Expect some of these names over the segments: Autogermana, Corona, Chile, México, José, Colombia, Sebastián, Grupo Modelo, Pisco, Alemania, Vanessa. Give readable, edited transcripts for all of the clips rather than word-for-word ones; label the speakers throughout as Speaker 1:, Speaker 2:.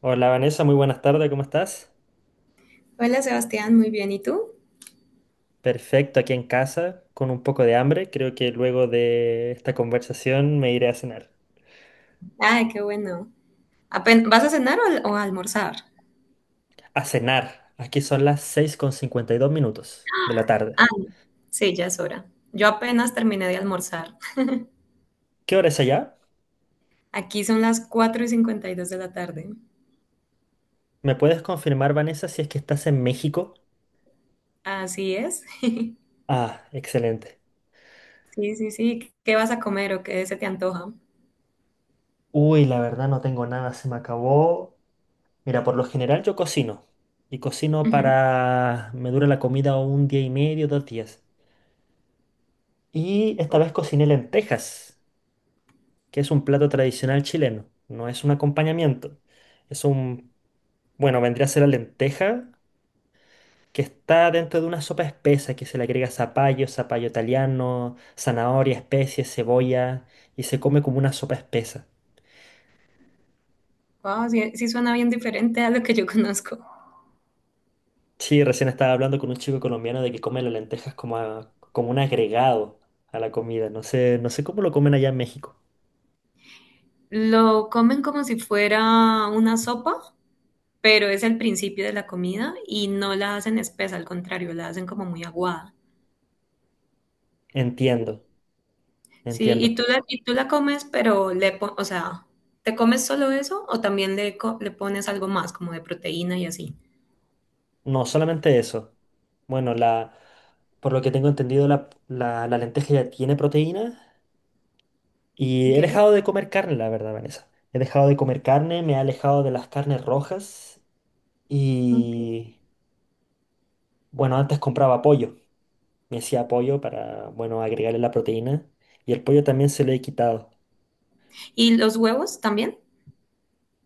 Speaker 1: Hola Vanessa, muy buenas tardes, ¿cómo estás?
Speaker 2: Hola Sebastián, muy bien. ¿Y tú?
Speaker 1: Perfecto, aquí en casa, con un poco de hambre. Creo que luego de esta conversación me iré a cenar.
Speaker 2: Ay, qué bueno. ¿Vas a cenar o a almorzar?
Speaker 1: A cenar, aquí son las 6:52 minutos de la tarde.
Speaker 2: Ah, sí, ya es hora. Yo apenas terminé de almorzar.
Speaker 1: ¿Qué hora es allá?
Speaker 2: Aquí son las 4:52 de la tarde.
Speaker 1: ¿Me puedes confirmar, Vanessa, si es que estás en México?
Speaker 2: Así es.
Speaker 1: Ah, excelente.
Speaker 2: Sí, sí, sí. ¿Qué vas a comer o qué se te antoja?
Speaker 1: Uy, la verdad no tengo nada, se me acabó. Mira, por lo general yo cocino. Y cocino
Speaker 2: Ujú.
Speaker 1: para. Me dura la comida un día y medio, 2 días. Y esta
Speaker 2: Oh,
Speaker 1: vez cociné lentejas, que es un plato tradicional chileno, no es un acompañamiento. Es un, bueno, vendría a ser la lenteja, que está dentro de una sopa espesa que se le agrega zapallo, zapallo italiano, zanahoria, especies, cebolla, y se come como una sopa espesa.
Speaker 2: wow, sí, sí suena bien diferente a lo que yo conozco.
Speaker 1: Sí, recién estaba hablando con un chico colombiano de que come las lentejas como, como un agregado a la comida. No sé, no sé cómo lo comen allá en México.
Speaker 2: Lo comen como si fuera una sopa, pero es el principio de la comida y no la hacen espesa, al contrario, la hacen como muy aguada.
Speaker 1: Entiendo,
Speaker 2: Sí, y
Speaker 1: entiendo.
Speaker 2: tú la, y tú la comes, pero o sea, ¿te comes solo eso o también le pones algo más, como de proteína y así?
Speaker 1: No, solamente eso. Bueno, por lo que tengo entendido, la lenteja ya tiene proteína y
Speaker 2: Ok,
Speaker 1: he dejado de comer carne, la verdad, Vanessa. He dejado de comer carne, me he alejado de las carnes rojas
Speaker 2: ok.
Speaker 1: y, bueno, antes compraba pollo. Me hacía pollo para, bueno, agregarle la proteína y el pollo también se le he quitado.
Speaker 2: ¿Y los huevos también?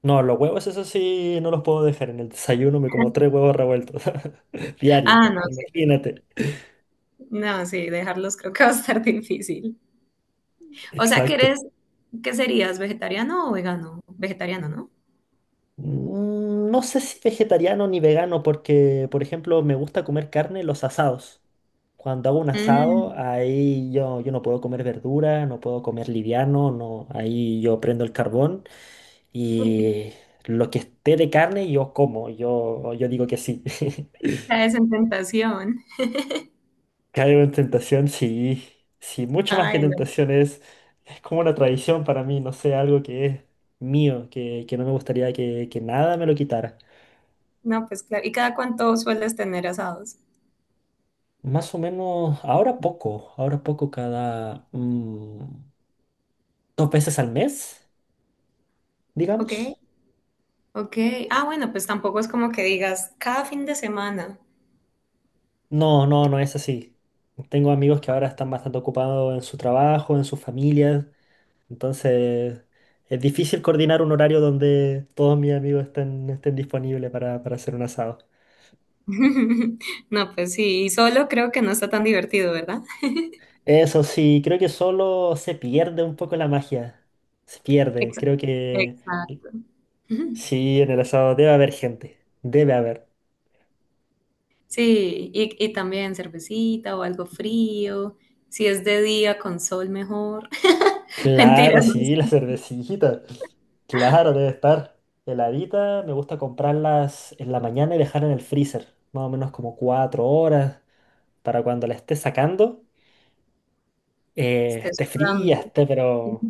Speaker 1: No, los huevos, eso sí, no los puedo dejar. En el desayuno me como tres huevos revueltos diarios.
Speaker 2: Ah, no, sí,
Speaker 1: Imagínate.
Speaker 2: no, sí, dejarlos creo que va a estar difícil. O sea, que
Speaker 1: Exacto.
Speaker 2: eres, ¿qué serías? ¿Vegetariano o vegano? Vegetariano, ¿no?
Speaker 1: No sé si vegetariano ni vegano, porque, por ejemplo, me gusta comer carne en los asados. Cuando hago un asado,
Speaker 2: Mm,
Speaker 1: ahí yo no puedo comer verdura, no puedo comer liviano, no, ahí yo prendo el carbón y lo que esté de carne yo como, yo digo que sí.
Speaker 2: caes en tentación.
Speaker 1: Caigo en tentación, sí, sí, mucho más que
Speaker 2: Ay, no,
Speaker 1: tentación es, como una tradición para mí, no sé, algo que es mío, que no me gustaría que nada me lo quitara.
Speaker 2: no, pues claro. ¿Y cada cuánto sueles tener asados?
Speaker 1: Más o menos, ahora poco, ahora poco cada dos veces al mes,
Speaker 2: Ok,
Speaker 1: digamos.
Speaker 2: ok. Ah, bueno, pues tampoco es como que digas cada fin de semana.
Speaker 1: No, no, no es así. Tengo amigos que ahora están bastante ocupados en su trabajo, en sus familias, entonces es difícil coordinar un horario donde todos mis amigos estén disponibles para hacer un asado.
Speaker 2: No, pues sí, y solo creo que no está tan divertido, ¿verdad?
Speaker 1: Eso sí, creo que solo se pierde un poco la magia. Se pierde,
Speaker 2: Exacto.
Speaker 1: creo que
Speaker 2: Exacto. Ujú.
Speaker 1: sí, en el asado debe haber gente, debe haber.
Speaker 2: Sí, y también cervecita o algo frío. Si es de día con sol, mejor.
Speaker 1: Claro,
Speaker 2: Mentiras, no
Speaker 1: sí, la
Speaker 2: sé,
Speaker 1: cervecita. Claro, debe estar heladita. Me gusta comprarlas en la mañana y dejarla en el freezer, más o menos como 4 horas, para cuando la esté sacando,
Speaker 2: estés
Speaker 1: esté fría,
Speaker 2: sudando.
Speaker 1: esté pero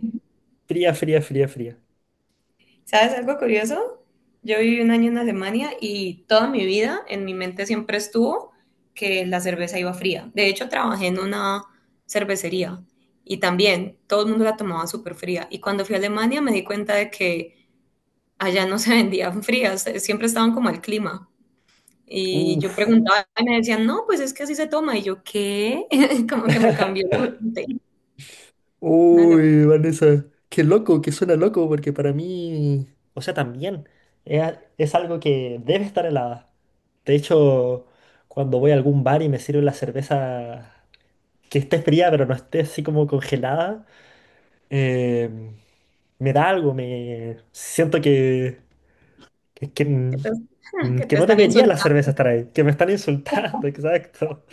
Speaker 1: fría, fría, fría, fría.
Speaker 2: ¿Sabes algo curioso? Yo viví un año en Alemania y toda mi vida en mi mente siempre estuvo que la cerveza iba fría. De hecho, trabajé en una cervecería y también todo el mundo la tomaba súper fría. Y cuando fui a Alemania me di cuenta de que allá no se vendían frías, siempre estaban como al clima. Y yo
Speaker 1: Uf.
Speaker 2: preguntaba y me decían, no, pues es que así se toma. Y yo, ¿qué? Como que me cambió la mente. Una locura,
Speaker 1: Uy, Vanessa, qué loco, que suena loco, porque para mí, o sea, también es, es algo que debe estar helada. De hecho, cuando voy a algún bar y me sirven la cerveza que esté fría, pero no esté así como congelada, eh, me da algo, me siento que, que
Speaker 2: que te, que
Speaker 1: que
Speaker 2: te
Speaker 1: no
Speaker 2: están
Speaker 1: debería la
Speaker 2: insultando.
Speaker 1: cerveza estar ahí, que me están insultando, exacto.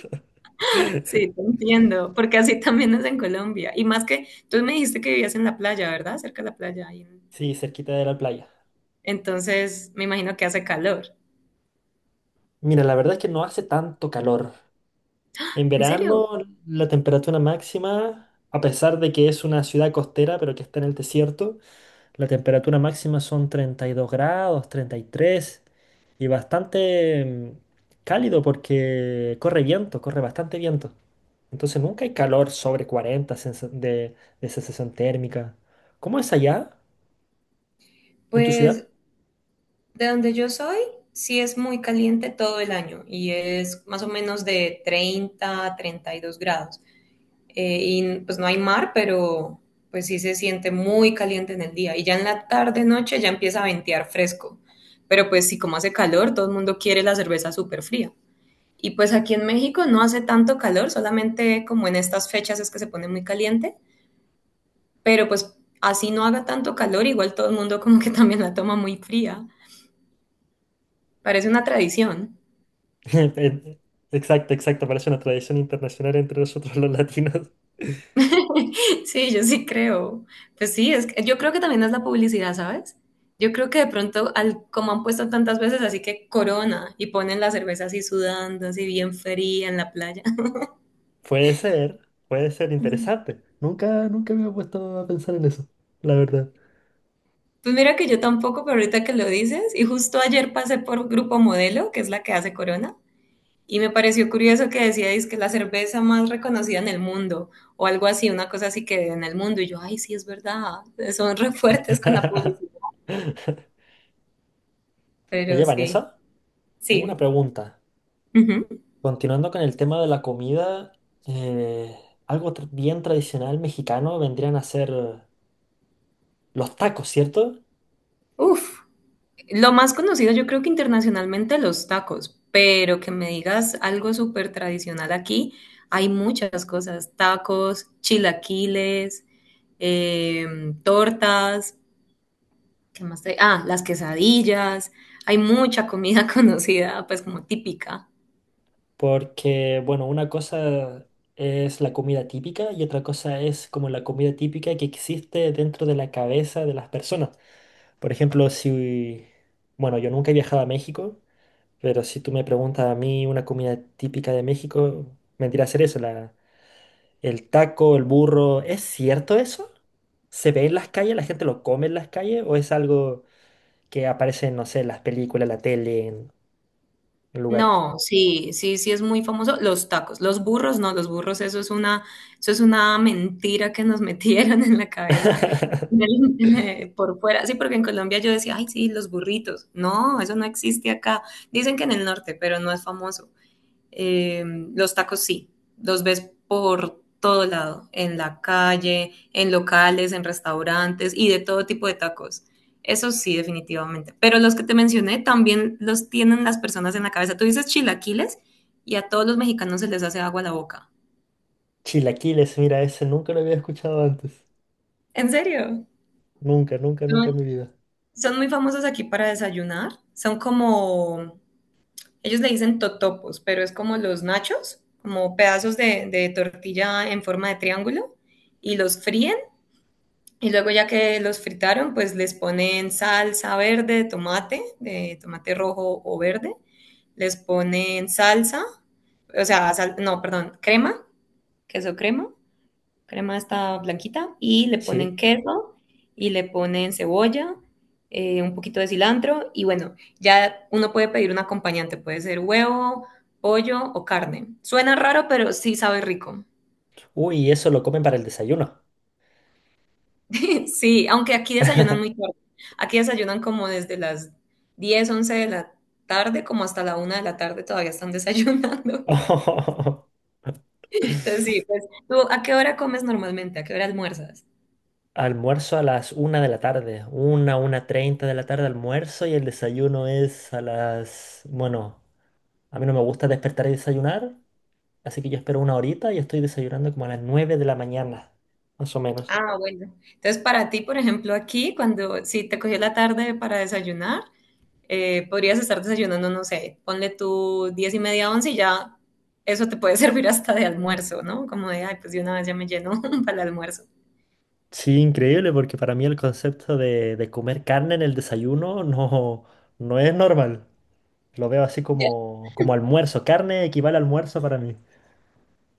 Speaker 2: Sí, te entiendo, porque así también es en Colombia. Y más que tú me dijiste que vivías en la playa, ¿verdad? Cerca de la playa.
Speaker 1: Sí, cerquita de la playa.
Speaker 2: Entonces, me imagino que hace calor.
Speaker 1: Mira, la verdad es que no hace tanto calor. En
Speaker 2: ¿En serio?
Speaker 1: verano la temperatura máxima, a pesar de que es una ciudad costera, pero que está en el desierto, la temperatura máxima son 32 grados, 33 y bastante cálido porque corre viento, corre bastante viento. Entonces nunca hay calor sobre 40 de sensación térmica. ¿Cómo es allá en tu
Speaker 2: Pues
Speaker 1: ciudad?
Speaker 2: de donde yo soy, sí es muy caliente todo el año y es más o menos de 30 a 32 grados. Y pues no hay mar, pero pues sí se siente muy caliente en el día. Y ya en la tarde, noche, ya empieza a ventear fresco. Pero pues sí, como hace calor, todo el mundo quiere la cerveza súper fría. Y pues aquí en México no hace tanto calor, solamente como en estas fechas es que se pone muy caliente, pero pues así no haga tanto calor, igual todo el mundo como que también la toma muy fría. Parece una tradición.
Speaker 1: En- Exacto, exacto, parece una tradición internacional entre nosotros los latinos.
Speaker 2: Sí, yo sí creo. Pues sí, yo creo que también es la publicidad, ¿sabes? Yo creo que de pronto, como han puesto tantas veces, así que corona y ponen la cerveza así sudando, así bien fría en la playa.
Speaker 1: Puede ser, puede ser
Speaker 2: Ujú.
Speaker 1: interesante. Nunca, nunca me he puesto a pensar en eso, la verdad.
Speaker 2: Pues mira que yo tampoco, pero ahorita que lo dices, y justo ayer pasé por Grupo Modelo, que es la que hace corona, y me pareció curioso que decíais que la cerveza más reconocida en el mundo, o algo así, una cosa así que en el mundo. Y yo, ay, sí, es verdad, son re fuertes con la publicidad.
Speaker 1: Oye,
Speaker 2: Pero sí,
Speaker 1: Vanessa, tengo una
Speaker 2: sí.
Speaker 1: pregunta.
Speaker 2: Ujú.
Speaker 1: Continuando con el tema de la comida, eh, algo bien tradicional mexicano vendrían a ser los tacos, ¿cierto?
Speaker 2: Uf, lo más conocido yo creo que internacionalmente los tacos, pero que me digas algo súper tradicional aquí, hay muchas cosas, tacos, chilaquiles, em, tortas, ¿qué más trae? Ah, las quesadillas. Hay mucha comida conocida, pues como típica.
Speaker 1: Porque, bueno, una cosa es la comida típica y otra cosa es como la comida típica que existe dentro de la cabeza de las personas. Por ejemplo, si, bueno, yo nunca he viajado a México, pero si tú me preguntas a mí una comida típica de México, vendría a ser eso, el taco, el burro, ¿es cierto eso? ¿Se ve en las calles? ¿La gente lo come en las calles? ¿O es algo que aparece en, no sé, en las películas, la tele, en lugares?
Speaker 2: No, sí, sí, sí es muy famoso. Los tacos, los burros, no, los burros, eso es una mentira que nos metieron en la cabeza por fuera. Sí, porque en Colombia yo decía, ay, sí, los burritos. No, eso no existe acá. Dicen que en el norte, pero no es famoso. Eh, los tacos sí, los ves por todo lado, en la calle, en locales, en restaurantes y de todo tipo de tacos. Eso sí, definitivamente. Pero los que te mencioné también los tienen las personas en la cabeza. Tú dices chilaquiles y a todos los mexicanos se les hace agua a la boca.
Speaker 1: Chilaquiles, mira, ese nunca lo había escuchado antes.
Speaker 2: ¿En serio?
Speaker 1: Nunca, nunca,
Speaker 2: Son,
Speaker 1: nunca en mi vida.
Speaker 2: son muy famosos aquí para desayunar. Son como, ellos le dicen totopos, pero es como los nachos, como pedazos de tortilla en forma de triángulo y los fríen. Y luego ya que los fritaron, pues les ponen salsa verde, tomate, de tomate rojo o verde. Les ponen salsa, o sea, no, perdón, crema, queso crema, crema esta blanquita. Y le
Speaker 1: Sí.
Speaker 2: ponen queso y le ponen cebolla, un poquito de cilantro. Y bueno, ya uno puede pedir un acompañante, puede ser huevo, pollo o carne. Suena raro, pero sí sabe rico.
Speaker 1: Uy, eso lo comen para el desayuno.
Speaker 2: Sí, aunque aquí desayunan muy tarde. Aquí desayunan como desde las 10, 11 de la tarde, como hasta la una de la tarde todavía están desayunando.
Speaker 1: Oh.
Speaker 2: Entonces, sí, pues, ¿tú a qué hora comes normalmente? ¿A qué hora almuerzas?
Speaker 1: Almuerzo a las una de la tarde. Una treinta de la tarde almuerzo y el desayuno es a las. Bueno, a mí no me gusta despertar y desayunar. Así que yo espero una horita y estoy desayunando como a las 9 de la mañana, más o menos.
Speaker 2: Ah, bueno. Entonces, para ti, por ejemplo, aquí, cuando si te cogió la tarde para desayunar, podrías estar desayunando, no sé, ponle tú 10:30, 11 y ya eso te puede servir hasta de almuerzo, ¿no? Como de, ay, pues de una vez ya me lleno para el almuerzo.
Speaker 1: Sí, increíble, porque para mí el concepto de comer carne en el desayuno no, no es normal. Lo veo así como almuerzo. Carne equivale a almuerzo para mí.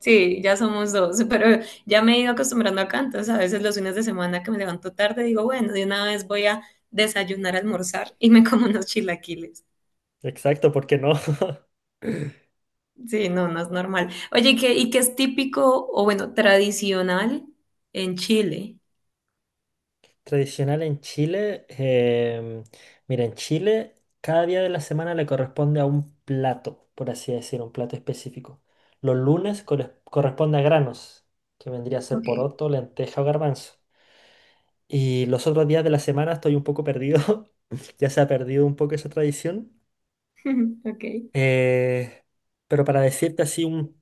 Speaker 2: Sí, ya somos dos, pero ya me he ido acostumbrando acá, entonces a veces los fines de semana que me levanto tarde digo, bueno, de una vez voy a desayunar, almorzar y me como unos chilaquiles.
Speaker 1: Exacto, ¿porque no?
Speaker 2: Sí, no, no es normal. Oye, y qué es típico o bueno, tradicional en Chile?
Speaker 1: Tradicional en Chile, mira, en Chile cada día de la semana le corresponde a un plato, por así decir, un plato específico. Los lunes corresponde a granos, que vendría a ser
Speaker 2: Ok,
Speaker 1: poroto, lenteja o garbanzo. Y los otros días de la semana estoy un poco perdido, ya se ha perdido un poco esa tradición.
Speaker 2: ok,
Speaker 1: Eh, pero para decirte así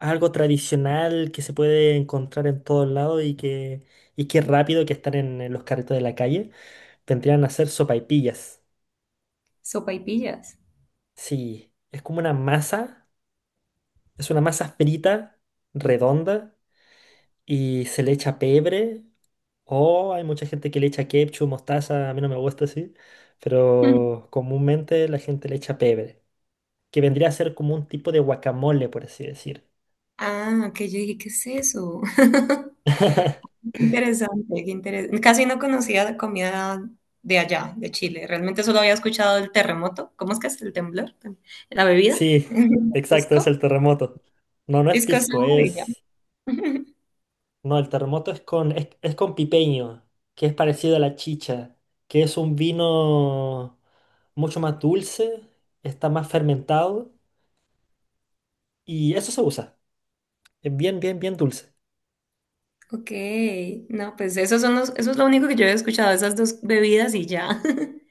Speaker 1: algo tradicional que se puede encontrar en todos lados y que es rápido que están en los carritos de la calle. Vendrían a ser sopaipillas.
Speaker 2: sopaipillas.
Speaker 1: Sí, es como una masa, es una masa frita, redonda, y se le echa pebre. O hay mucha gente que le echa ketchup, mostaza, a mí no me gusta así, pero comúnmente la gente le echa pebre, que vendría a ser como un tipo de guacamole, por así decir.
Speaker 2: Ah, que yo dije, ¿qué es eso? Interesante, qué interesante. Casi no conocía la comida de allá, de Chile. Realmente solo había escuchado el terremoto. ¿Cómo es que es el temblor? La bebida.
Speaker 1: Sí, exacto, es
Speaker 2: Pisco.
Speaker 1: el terremoto. No, no es
Speaker 2: Pisco
Speaker 1: pisco,
Speaker 2: sour y ya.
Speaker 1: es. No, el terremoto es con, es con pipeño, que es parecido a la chicha, que es un vino mucho más dulce, está más fermentado y eso se usa. Es bien, bien, bien dulce.
Speaker 2: Ok, no, pues esos son los, eso es lo único que yo he escuchado, esas dos bebidas y ya.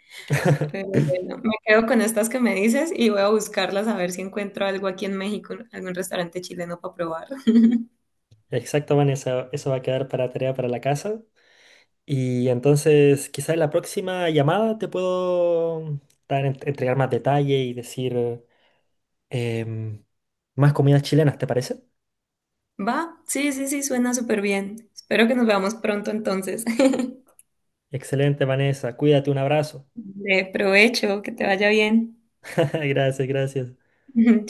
Speaker 2: Pero bueno, me quedo con estas que me dices y voy a buscarlas a ver si encuentro algo aquí en México, algún restaurante chileno para probar.
Speaker 1: Exacto, Vanessa, eso va a quedar para tarea para la casa. Y entonces, quizás en la próxima llamada te puedo dar, entregar más detalle y decir em, más comidas chilenas, ¿te parece?
Speaker 2: Va, sí, sí, sí, suena súper bien. Espero que nos veamos pronto entonces.
Speaker 1: Excelente, Vanessa. Cuídate, un abrazo.
Speaker 2: De provecho, que te vaya bien.
Speaker 1: Gracias, gracias.